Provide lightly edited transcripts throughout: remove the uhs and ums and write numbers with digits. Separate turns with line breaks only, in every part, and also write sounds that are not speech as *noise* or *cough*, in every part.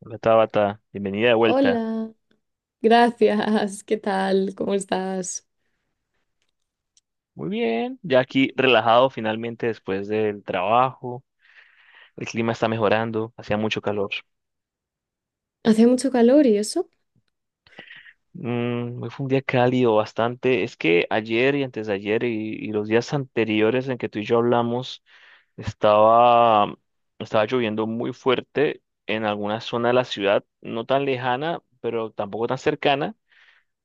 Hola Tabata, bienvenida de vuelta.
Hola, gracias, ¿qué tal? ¿Cómo estás?
Muy bien, ya aquí relajado finalmente después del trabajo. El clima está mejorando, hacía mucho calor.
Hace mucho calor y eso.
Mm, hoy fue un día cálido bastante. Es que ayer y antes de ayer y los días anteriores en que tú y yo hablamos, estaba, estaba lloviendo muy fuerte en alguna zona de la ciudad, no tan lejana, pero tampoco tan cercana.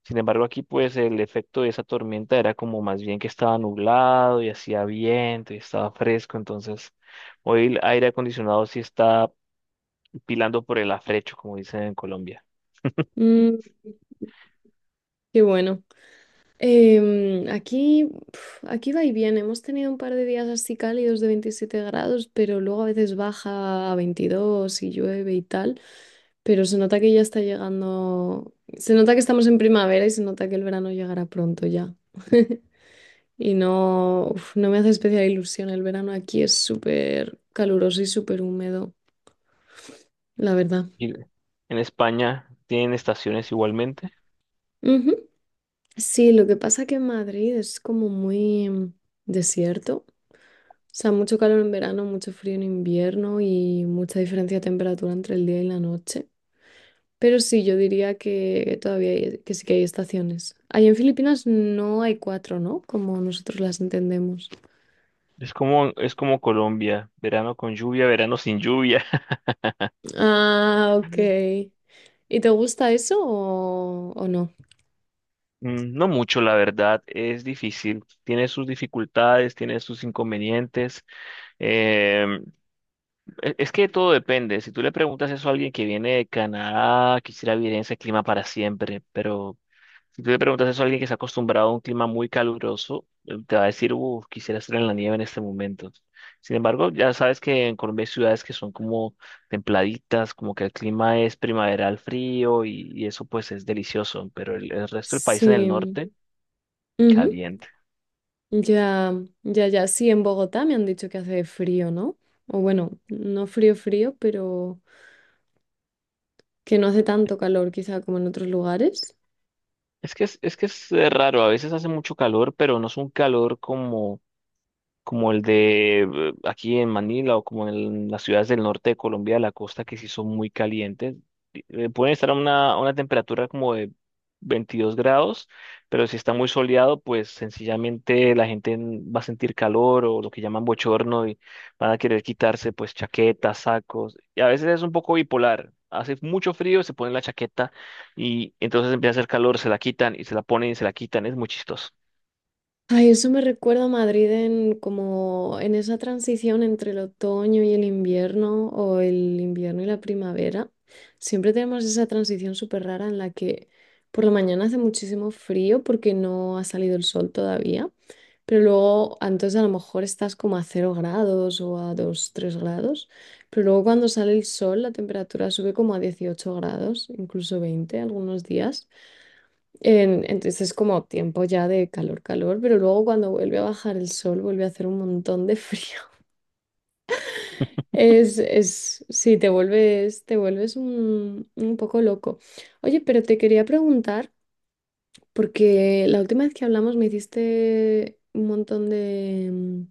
Sin embargo, aquí pues el efecto de esa tormenta era como más bien que estaba nublado y hacía viento y estaba fresco, entonces hoy el aire acondicionado sí está pilando por el afrecho, como dicen en Colombia.
Mm, qué bueno. Aquí, pf, aquí va y viene. Hemos tenido un par de días así cálidos de 27 grados, pero luego a veces baja a 22 y llueve y tal. Pero se nota que ya está llegando. Se nota que estamos en primavera y se nota que el verano llegará pronto ya. *laughs* Y no, uf, no me hace especial ilusión. El verano aquí es súper caluroso y súper húmedo, la verdad.
Y en España tienen estaciones igualmente.
Sí, lo que pasa que en Madrid es como muy desierto. O sea, mucho calor en verano, mucho frío en invierno y mucha diferencia de temperatura entre el día y la noche. Pero sí, yo diría que que sí que hay estaciones. Ahí en Filipinas no hay cuatro, ¿no? Como nosotros las entendemos.
Es como Colombia, verano con lluvia, verano sin lluvia.
Ah, ok.
*laughs*
¿Y te gusta eso o no?
Mm, no mucho, la verdad, es difícil. Tiene sus dificultades, tiene sus inconvenientes. em, Es que todo depende. Si tú le preguntas eso a alguien que viene de Canadá, quisiera vivir en ese clima para siempre, pero si tú le preguntas eso a alguien que se ha acostumbrado a un clima muy caluroso, te va a decir, uff, quisiera estar en la nieve en este momento. Sin embargo, ya sabes que en Colombia hay ciudades que son como templaditas, como que el clima es primaveral frío y eso pues es delicioso, pero el resto del país en el
Sí.
norte,
Ujú.
caliente.
Ya, ya. Sí, en Bogotá me han dicho que hace frío, ¿no? O bueno, no frío, frío, pero que no hace tanto calor quizá como en otros lugares.
Es que es raro, a veces hace mucho calor, pero no es un calor como como el de aquí en Manila o como en las ciudades del norte de Colombia, la costa, que sí son muy calientes. Pueden estar a a una temperatura como de 22 grados, pero si está muy soleado, pues sencillamente la gente va a sentir calor o lo que llaman bochorno y van a querer quitarse pues chaquetas, sacos. Y a veces es un poco bipolar. Hace mucho frío, se ponen la chaqueta y entonces empieza a hacer calor, se la quitan y se la ponen y se la quitan. Es muy chistoso.
Ay, eso me recuerda a Madrid en como en esa transición entre el otoño y el invierno o el invierno y la primavera. Siempre tenemos esa transición súper rara en la que por la mañana hace muchísimo frío porque no ha salido el sol todavía, pero luego entonces a lo mejor estás como a 0 grados o a 2 3 grados, pero luego cuando sale el sol la temperatura sube como a 18 grados, incluso 20 algunos días. Entonces es como tiempo ya de calor, calor, pero luego cuando vuelve a bajar el sol vuelve a hacer un montón de frío. *laughs* Sí, te vuelves un poco loco. Oye, pero te quería preguntar, porque la última vez que hablamos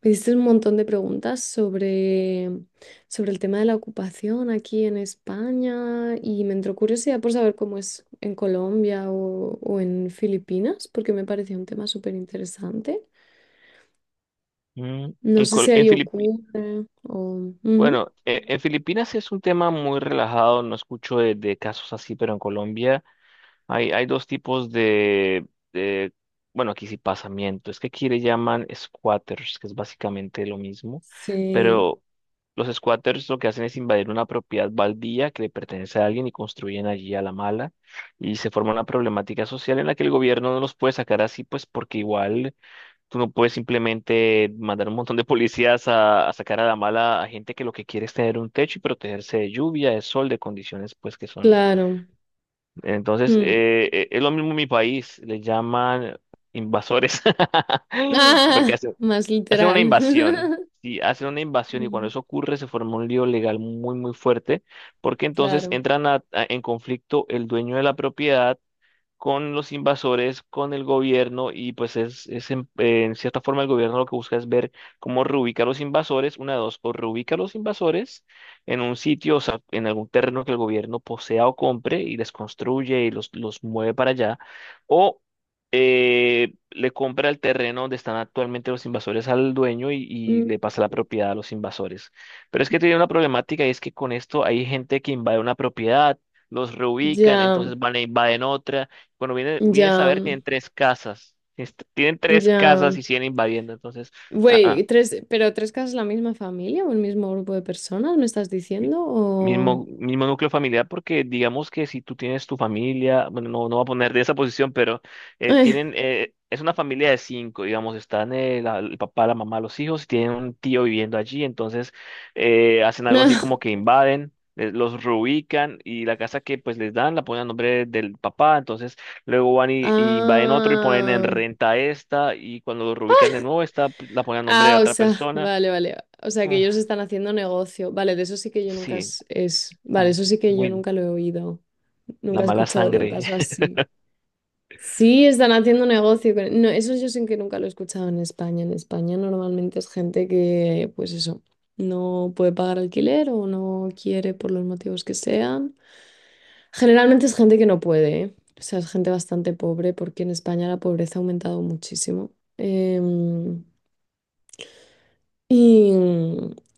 me hiciste un montón de preguntas sobre el tema de la ocupación aquí en España y me entró curiosidad por saber cómo es en Colombia o en Filipinas, porque me parecía un tema súper interesante.
Mm,
No sé si
En
ahí
Filipinas.
ocurre o... Ujú.
Bueno, en Filipinas sí es un tema muy relajado, no escucho de casos así, pero en Colombia hay dos tipos de, bueno, aquí sí pasamiento, es que aquí le llaman squatters, que es básicamente lo mismo,
Sí,
pero los squatters lo que hacen es invadir una propiedad baldía que le pertenece a alguien y construyen allí a la mala, y se forma una problemática social en la que el gobierno no los puede sacar así, pues porque igual... Tú no puedes simplemente mandar un montón de policías a sacar a la mala a gente que lo que quiere es tener un techo y protegerse de lluvia, de sol, de condiciones pues que son.
claro.
Entonces,
Mm.
es lo mismo en mi país, le llaman invasores, *laughs* porque
Ah,
hacen,
más
hacen una
literal.
invasión.
*laughs*
Sí, hacen una invasión y cuando
Mm,
eso ocurre se forma un lío legal muy, muy fuerte, porque entonces
claro.
entran en conflicto el dueño de la propiedad con los invasores, con el gobierno, y pues es en cierta forma el gobierno lo que busca es ver cómo reubica a los invasores, una de dos, o reubica a los invasores en un sitio, o sea, en algún terreno que el gobierno posea o compre y les construye y los mueve para allá, o le compra el terreno donde están actualmente los invasores al dueño y
Mm,
le pasa la propiedad a los invasores. Pero es que tiene una problemática y es que con esto hay gente que invade una propiedad, los reubican,
ya,
entonces van e invaden otra. Cuando viene, vienes a
ya,
ver, tienen tres casas. Tienen tres casas
ya.
y siguen invadiendo. Entonces, ah,
Güey,
ah.
tres, pero tres casas la misma familia o el mismo grupo de personas, ¿me estás
mi-
diciendo? O...
Mismo, mismo núcleo familiar, porque digamos que si tú tienes tu familia, bueno, no voy a poner de esa posición, pero
Eh,
es una familia de 5, digamos, están el papá, la mamá, los hijos, y tienen un tío viviendo allí, entonces hacen
*laughs*
algo
no.
así como que invaden, los reubican y la casa que pues les dan la ponen a nombre del papá, entonces luego van y invaden otro y ponen en
Ah,
renta esta, y cuando lo reubican de nuevo, esta pues, la ponen a nombre de
ah, o
otra
sea,
persona.
vale, vale. O sea, que
Uf,
ellos están haciendo negocio. Vale, de eso sí que yo nunca
sí,
es, es- Vale, eso sí que yo
muy,
nunca lo he oído.
La
Nunca he
mala
escuchado de un
sangre.
caso
*laughs*
así. Sí, están haciendo No, eso yo sí que nunca lo he escuchado en España. En España normalmente es gente que, pues eso, no puede pagar alquiler o no quiere por los motivos que sean. Generalmente es gente que no puede, ¿eh? O sea, es gente bastante pobre porque en España la pobreza ha aumentado muchísimo. Em, y,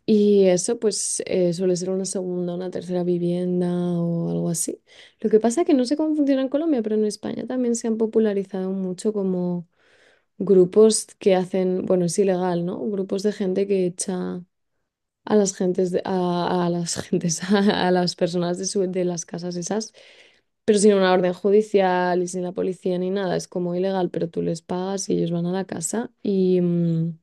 y eso pues suele ser una segunda, una tercera vivienda o algo así. Lo que pasa es que no sé cómo funciona en Colombia, pero en España también se han popularizado mucho como grupos que hacen, bueno, es ilegal, ¿no? Grupos de gente que echa a las gentes, de- a las gentes, *laughs* a, las personas de las casas esas. Pero sin una orden judicial y sin la policía ni nada, es como ilegal, pero tú les pagas y ellos van a la casa. Y, mm,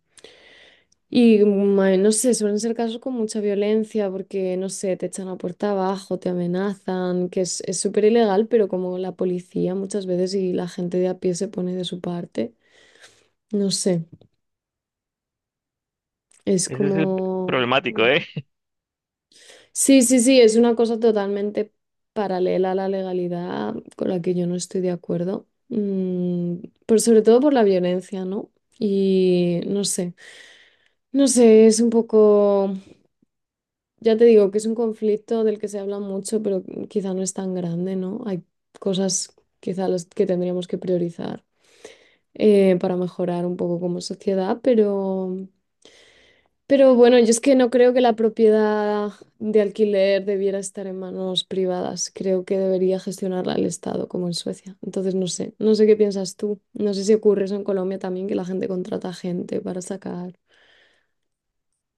no sé, suelen ser casos con mucha violencia porque, no sé, te echan la puerta abajo, te amenazan, que es súper ilegal, pero como la policía muchas veces y la gente de a pie se pone de su parte, no sé, es
Ese es el
como...
problemático,
mm,
¿eh?
sí, sí, sí, es una cosa totalmente paralela a la legalidad con la que yo no estoy de acuerdo. Mm, pero sobre todo por la violencia, ¿no? Y no sé, no sé, es un poco, ya te digo que es un conflicto del que se habla mucho, pero quizá no es tan grande, ¿no? Hay cosas quizá las que tendríamos que priorizar para mejorar un poco como sociedad. Pero bueno, yo es que no creo que la propiedad de alquiler debiera estar en manos privadas. Creo que debería gestionarla el Estado, como en Suecia. Entonces, no sé, no sé qué piensas tú. No sé si ocurre eso en Colombia también, que la gente contrata gente para sacar.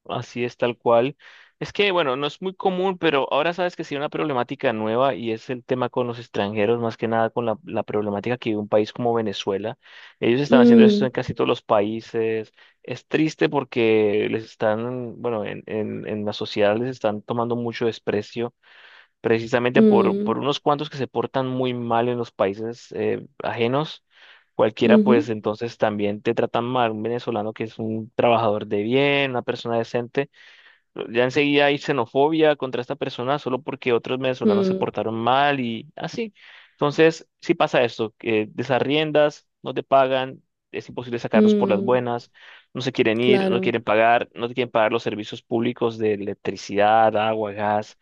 Así es, tal cual. Es que, bueno, no es muy común, pero ahora sabes que sí hay una problemática nueva y es el tema con los extranjeros, más que nada con la problemática que vive un país como Venezuela. Ellos están haciendo esto
Mm,
en casi todos los países. Es triste porque les están, bueno, en la sociedad les están tomando mucho desprecio, precisamente
mm,
por unos cuantos que se portan muy mal en los países ajenos. Cualquiera,
ujú,
pues ya enseguida hay xenofobia contra esta persona solo porque otros venezolanos se
mm,
portaron mal y así. Entonces, sí pasa esto, que desarriendas, no te pagan, es imposible sacarlos por las
mm,
buenas, no se quieren ir, no
claro.
quieren pagar, no te quieren pagar los servicios públicos de electricidad, agua, gas,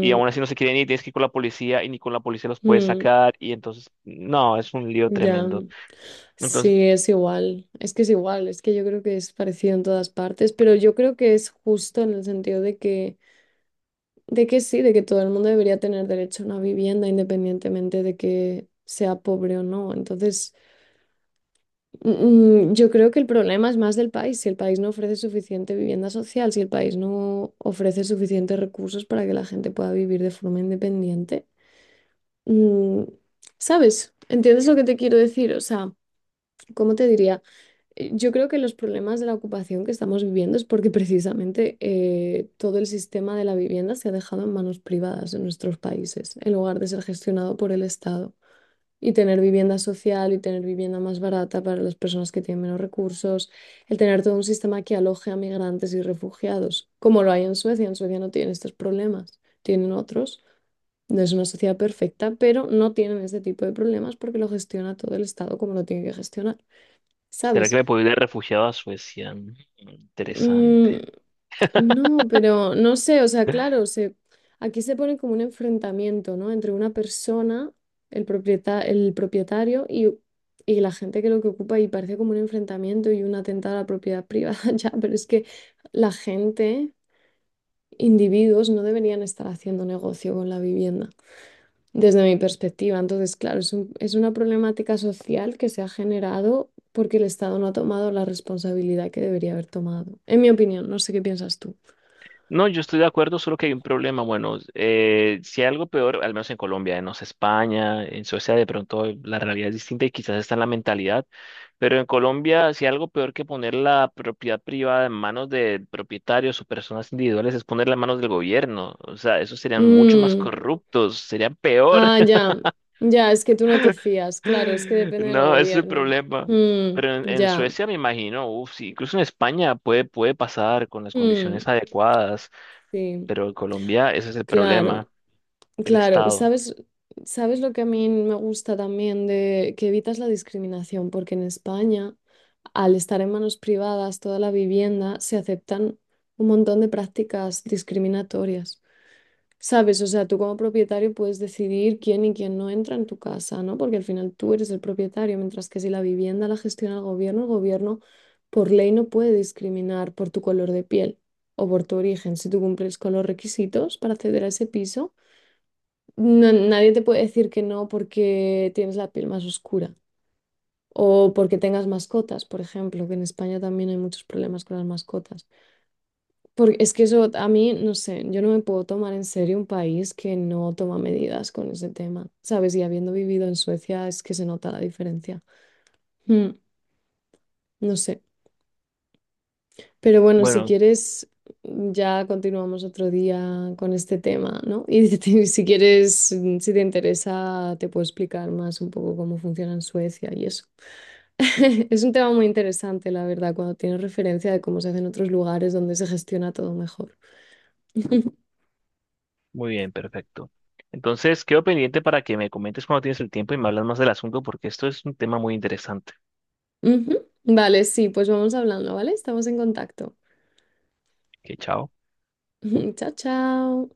y aún así no se quieren ir, tienes que ir con la policía y ni con la policía los puedes
mm,
sacar, y entonces, no, es un lío
ya.
tremendo. Entonces,
Sí, es igual. Es que es igual. Es que yo creo que es parecido en todas partes, pero yo creo que es justo en el sentido de que sí, de que todo el mundo debería tener derecho a una vivienda independientemente de que sea pobre o no. Entonces, mm, mm, yo creo que el problema es más del país. Si el país no ofrece suficiente vivienda social, si el país no ofrece suficientes recursos para que la gente pueda vivir de forma independiente, mm, ¿sabes? ¿Entiendes lo que te quiero decir? O sea, ¿cómo te diría? Yo creo que los problemas de la ocupación que estamos viviendo es porque precisamente todo el sistema de la vivienda se ha dejado en manos privadas en nuestros países, en lugar de ser gestionado por el Estado. Y tener vivienda social y tener vivienda más barata para las personas que tienen menos recursos, el tener todo un sistema que aloje a migrantes y refugiados, como lo hay en Suecia. En Suecia no tienen estos problemas, tienen otros. No es una sociedad perfecta, pero no tienen este tipo de problemas porque lo gestiona todo el Estado como lo tiene que gestionar,
¿será que
¿sabes?
me puedo ir de refugiado a Suecia? Mm, interesante.
Mm,
*laughs*
no, pero no sé, o sea, claro, se, aquí se pone como un enfrentamiento, ¿no? Entre una persona, el propietario y la gente que lo que ocupa y parece como un enfrentamiento y un atentado a la propiedad privada, *laughs* ya, pero es que la gente, individuos, no deberían estar haciendo negocio con la vivienda desde mi perspectiva. Entonces, claro, es una problemática social que se ha generado porque el Estado no ha tomado la responsabilidad que debería haber tomado. En mi opinión, no sé qué piensas tú.
No, yo estoy de acuerdo, solo que hay un problema. Bueno, si hay algo peor, al menos en Colombia, no sé, España, en Suecia de pronto la realidad es distinta y quizás está en la mentalidad, pero en Colombia si hay algo peor que poner la propiedad privada en manos de propietarios o personas individuales es ponerla en manos del gobierno. O sea, esos serían mucho más
Mm,
corruptos, serían peor.
ah, ya, ya, es que tú no te fías, claro, es que
*laughs*
depende del
No, ese es el
gobierno.
problema.
Mm,
Pero en
ya,
Suecia me imagino, uf, sí, incluso en España puede, puede pasar con las
mm,
condiciones adecuadas.
sí,
Pero en Colombia ese es el
claro.
problema, el
Claro, pues,
Estado.
¿sabes lo que a mí me gusta también de que evitas la discriminación? Porque en España, al estar en manos privadas toda la vivienda, se aceptan un montón de prácticas discriminatorias. ¿Sabes? O sea, tú como propietario puedes decidir quién y quién no entra en tu casa, ¿no? Porque al final tú eres el propietario, mientras que si la vivienda la gestiona el gobierno por ley no puede discriminar por tu color de piel o por tu origen. Si tú cumples con los requisitos para acceder a ese piso, nadie te puede decir que no porque tienes la piel más oscura o porque tengas mascotas, por ejemplo, que en España también hay muchos problemas con las mascotas. Porque es que eso a mí, no sé, yo no me puedo tomar en serio un país que no toma medidas con ese tema, ¿sabes? Y habiendo vivido en Suecia es que se nota la diferencia. Mm, no sé. Pero bueno, si
Bueno,
quieres, ya continuamos otro día con este tema, ¿no? *laughs* Si quieres, mm, si te interesa, te puedo explicar más un poco cómo funciona en Suecia y eso. *laughs* Es un tema muy interesante, la verdad, cuando tienes referencia de cómo se hace en otros lugares donde se gestiona todo mejor.
muy bien, perfecto. Entonces, quedo pendiente para que me comentes cuando tienes el tiempo y me hablas más del asunto porque esto es un tema muy interesante.
Ujú. Vale, sí, pues vamos hablando, ¿vale? Estamos en contacto.
Que chao.
*laughs* Chao, chao.